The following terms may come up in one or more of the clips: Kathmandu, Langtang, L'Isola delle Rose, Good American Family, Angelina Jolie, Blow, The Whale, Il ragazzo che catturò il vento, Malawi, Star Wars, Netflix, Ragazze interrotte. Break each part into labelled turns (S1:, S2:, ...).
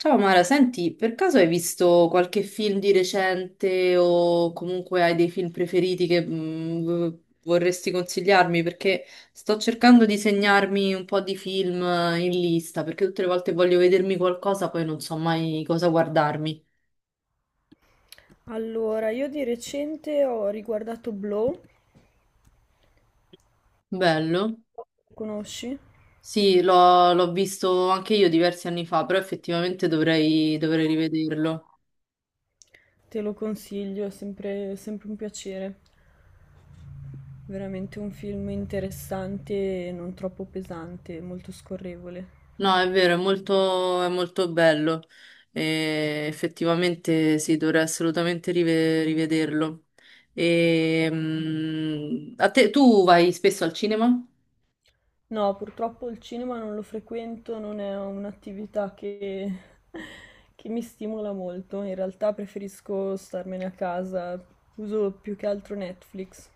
S1: Ciao Mara, senti, per caso hai visto qualche film di recente o comunque hai dei film preferiti che vorresti consigliarmi? Perché sto cercando di segnarmi un po' di film in lista, perché tutte le volte voglio vedermi qualcosa, poi non so mai cosa guardarmi.
S2: Allora, io di recente ho riguardato Blow,
S1: Bello?
S2: conosci?
S1: Sì, l'ho visto anche io diversi anni fa, però effettivamente dovrei rivederlo.
S2: Te lo consiglio, è sempre, sempre un piacere. Veramente un film interessante e non troppo pesante, molto scorrevole.
S1: No, è vero, è molto bello. E effettivamente sì, dovrei assolutamente rivederlo. A te, tu vai spesso al cinema?
S2: No, purtroppo il cinema non lo frequento, non è un'attività che, che mi stimola molto. In realtà preferisco starmene a casa, uso più che altro Netflix.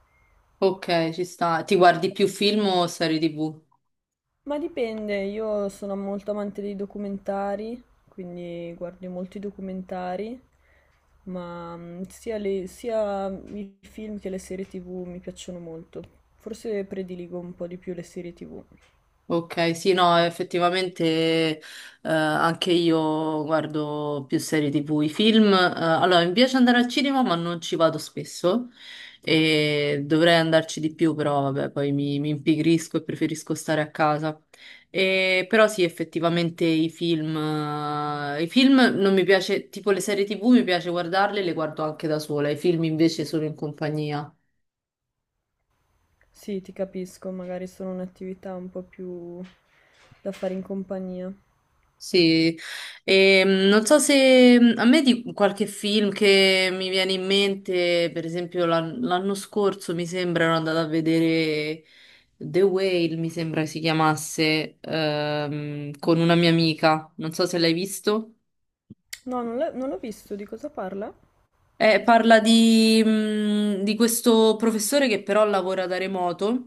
S1: Ok, ci sta. Ti guardi più film o serie TV?
S2: Ma dipende, io sono molto amante dei documentari, quindi guardo molti documentari, ma sia i film che le serie TV mi piacciono molto. Forse prediligo un po' di più le serie TV.
S1: Ok, sì, no, effettivamente eh, anche io guardo più serie TV, i film. Allora, mi piace andare al cinema, ma non ci vado spesso e dovrei andarci di più, però vabbè, poi mi impigrisco e preferisco stare a casa. E, però sì, effettivamente i film non mi piace, tipo le serie TV mi piace guardarle, le guardo anche da sola, i film invece sono in compagnia.
S2: Sì, ti capisco, magari sono un'attività un po' più da fare in compagnia.
S1: Sì, non so se a me di qualche film che mi viene in mente, per esempio l'anno scorso mi sembra ero andata a vedere The Whale, mi sembra si chiamasse, con una mia amica, non so se l'hai visto.
S2: No, non l'ho visto, di cosa parla?
S1: Parla di di questo professore che però lavora da remoto,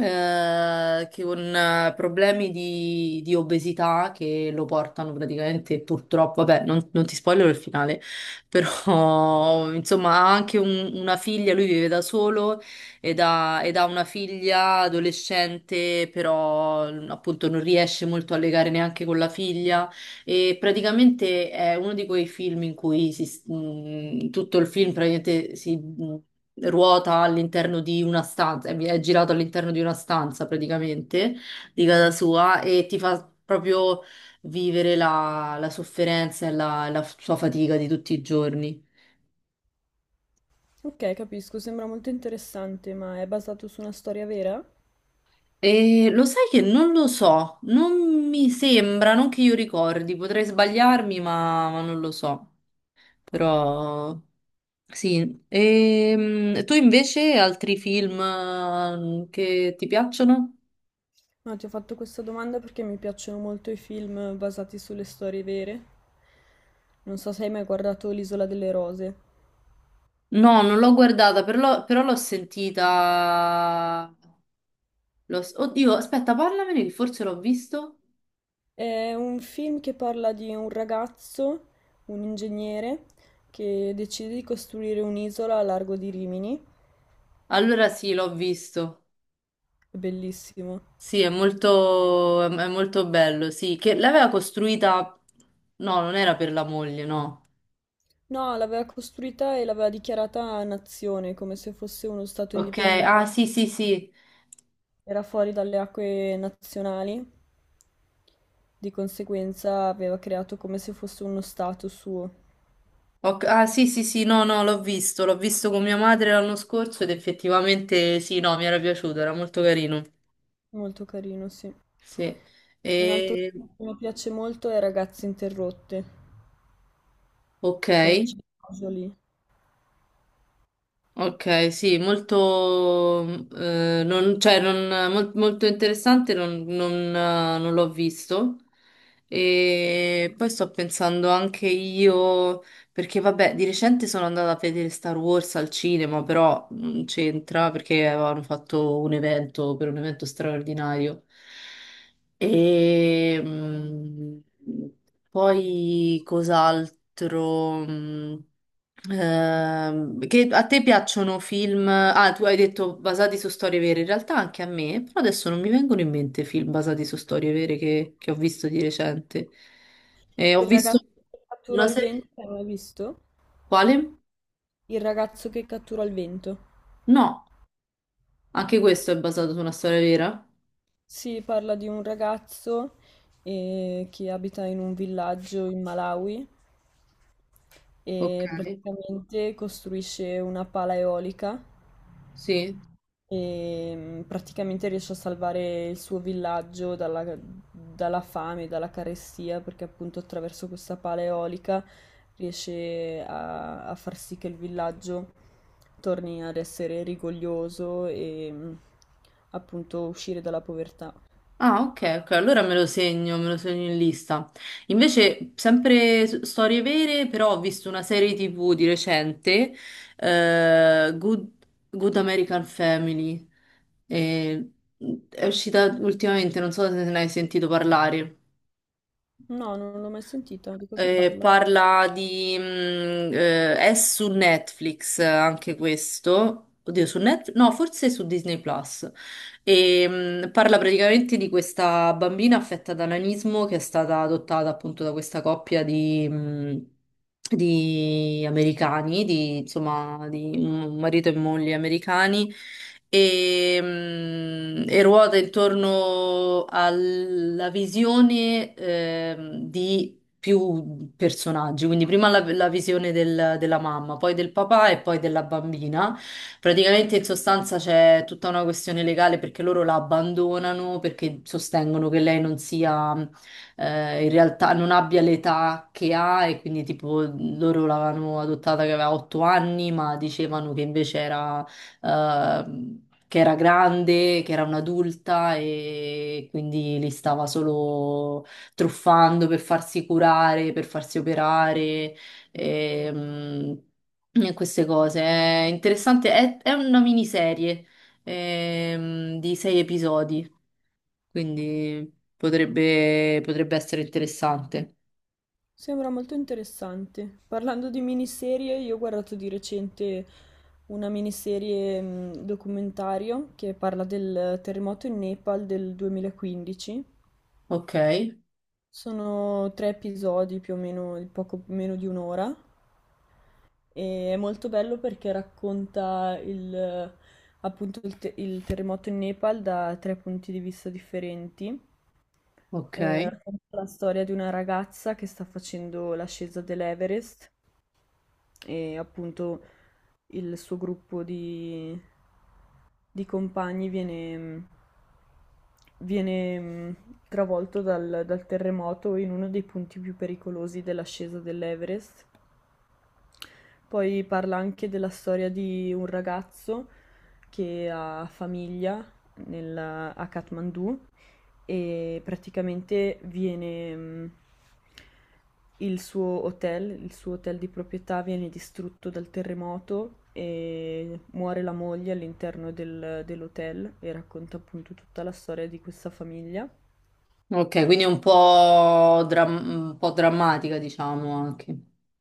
S1: che con problemi di obesità che lo portano praticamente purtroppo, vabbè, non ti spoilero il finale, però insomma ha anche una figlia, lui vive da solo ed ha una figlia adolescente, però appunto non riesce molto a legare neanche con la figlia. E praticamente è uno di quei film in cui tutto il film praticamente ruota all'interno di una stanza, è girato all'interno di una stanza praticamente di casa sua e ti fa proprio vivere la sofferenza e la sua fatica di tutti i giorni.
S2: Ok, capisco, sembra molto interessante, ma è basato su una storia vera?
S1: E lo sai che non lo so, non mi sembra, non che io ricordi, potrei sbagliarmi, ma non lo so. Però. Sì, e tu invece altri film che ti piacciono?
S2: No, ti ho fatto questa domanda perché mi piacciono molto i film basati sulle storie vere. Non so se hai mai guardato L'Isola delle Rose.
S1: No, non l'ho guardata, però l'ho sentita. Oddio, aspetta, parlamene che forse l'ho visto.
S2: È un film che parla di un ragazzo, un ingegnere, che decide di costruire un'isola a largo di Rimini.
S1: Allora sì, l'ho visto.
S2: È bellissimo.
S1: Sì, è molto bello, sì, che l'aveva costruita... No, non era per la moglie, no.
S2: No, l'aveva costruita e l'aveva dichiarata nazione, come se fosse uno stato
S1: Ok,
S2: indipendente.
S1: ah sì, sì, sì.
S2: Era fuori dalle acque nazionali, di conseguenza aveva creato come se fosse uno stato suo.
S1: Ah sì sì sì no no l'ho visto, l'ho visto con mia madre l'anno scorso ed effettivamente sì no mi era piaciuto, era molto carino.
S2: Molto carino, sì.
S1: Sì.
S2: Un altro
S1: E...
S2: film che mi piace molto è Ragazze interrotte
S1: Ok.
S2: con Angelina Jolie.
S1: Ok, sì, molto, cioè, molto interessante, non l'ho visto. E poi sto pensando anche io, perché vabbè, di recente sono andata a vedere Star Wars al cinema, però non c'entra perché avevano fatto un evento per un evento straordinario. E, mm, Poi cos'altro? Che a te piacciono film? Ah, tu hai detto basati su storie vere, in realtà anche a me, però adesso non mi vengono in mente film basati su storie vere che ho visto di recente. Ho
S2: Il
S1: visto
S2: ragazzo che catturò
S1: una
S2: il
S1: serie...
S2: vento, l'hai mai visto?
S1: Quale?
S2: Il ragazzo che catturò il vento.
S1: No, anche questo è basato su una storia vera.
S2: Si parla di un ragazzo che abita in un villaggio in Malawi
S1: Ok,
S2: e praticamente costruisce una pala eolica
S1: sì.
S2: e praticamente riesce a salvare il suo villaggio dalla, dalla fame, dalla carestia, perché appunto attraverso questa pala eolica riesce a, a far sì che il villaggio torni ad essere rigoglioso e appunto uscire dalla povertà.
S1: Ah, ok, ok, allora me lo segno in lista. Invece, sempre storie vere, però ho visto una serie TV di recente, eh, Good American Family, e- è uscita ultimamente, non so se ne hai sentito parlare.
S2: No, non l'ho mai sentita, di cosa parla?
S1: Parla di... è su Netflix anche questo. Oddio, su Netflix? No, forse su Disney Plus. Parla praticamente di questa bambina affetta da nanismo che è stata adottata appunto da questa coppia di americani, di, insomma, di un marito e moglie americani. E ruota intorno alla visione di più personaggi, quindi prima la visione della mamma, poi del papà e poi della bambina. Praticamente in sostanza c'è tutta una questione legale perché loro la abbandonano perché sostengono che lei non sia, in realtà non abbia l'età che ha e quindi tipo loro l'avevano adottata che aveva 8 anni, ma dicevano che invece era... ehm, che era grande, che era un'adulta e quindi li stava solo truffando per farsi curare, per farsi operare, ehm, e queste cose. È interessante, è una miniserie, di sei episodi, quindi potrebbe essere interessante.
S2: Sembra molto interessante. Parlando di miniserie, io ho guardato di recente una miniserie documentario che parla del terremoto in Nepal del 2015.
S1: Ok,
S2: Sono 3 episodi più o meno, di poco meno di un'ora, e è molto bello perché racconta il, appunto il terremoto in Nepal da 3 punti di vista differenti.
S1: ok,
S2: Racconta la storia di una ragazza che sta facendo l'ascesa dell'Everest e appunto il suo gruppo di compagni viene travolto dal terremoto in uno dei punti più pericolosi dell'ascesa dell'Everest, poi parla anche della storia di un ragazzo che ha famiglia nel- a Kathmandu e praticamente viene, il suo hotel di proprietà viene distrutto dal terremoto e muore la moglie all'interno dell'hotel e racconta appunto tutta la storia di questa famiglia.
S1: ok, quindi è un po', un po' drammatica, diciamo anche.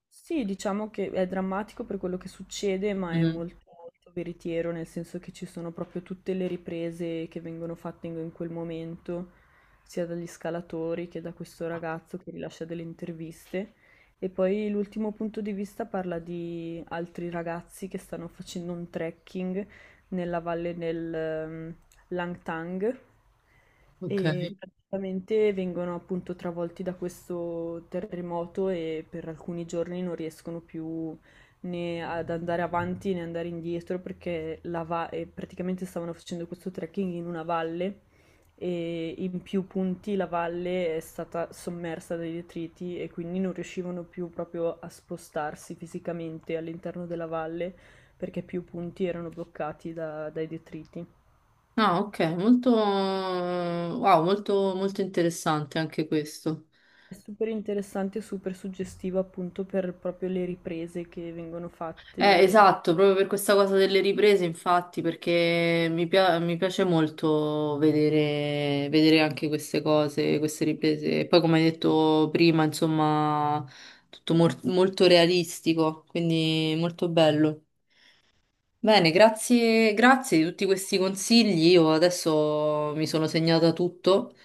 S2: Sì, diciamo che è drammatico per quello che succede, ma è
S1: Mhm.
S2: molto, molto veritiero, nel senso che ci sono proprio tutte le riprese che vengono fatte in, in quel momento, sia dagli scalatori che da questo ragazzo che rilascia delle interviste. E poi l'ultimo punto di vista parla di altri ragazzi che stanno facendo un trekking nella valle del, Langtang,
S1: Ok.
S2: e praticamente vengono appunto travolti da questo terremoto e per alcuni giorni non riescono più né ad andare avanti né andare indietro perché la va- e praticamente stavano facendo questo trekking in una valle e in più punti la valle è stata sommersa dai detriti e quindi non riuscivano più proprio a spostarsi fisicamente all'interno della valle perché più punti erano bloccati dai detriti.
S1: Ah, ok, molto, wow, molto, molto interessante anche questo.
S2: È super interessante e super suggestiva appunto per proprio le riprese che vengono fatte.
S1: Esatto, proprio per questa cosa delle riprese, infatti, perché mi piace molto vedere, vedere anche queste cose, queste riprese. E poi, come hai detto prima, insomma, tutto molto realistico, quindi molto bello. Bene, grazie, grazie di tutti questi consigli. Io adesso mi sono segnata tutto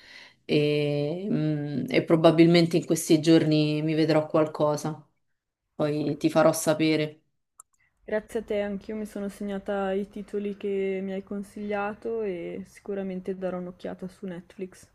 S1: e e probabilmente in questi giorni mi vedrò qualcosa. Poi ti farò sapere.
S2: Grazie a te, anch'io mi sono segnata i titoli che mi hai consigliato e sicuramente darò un'occhiata su Netflix.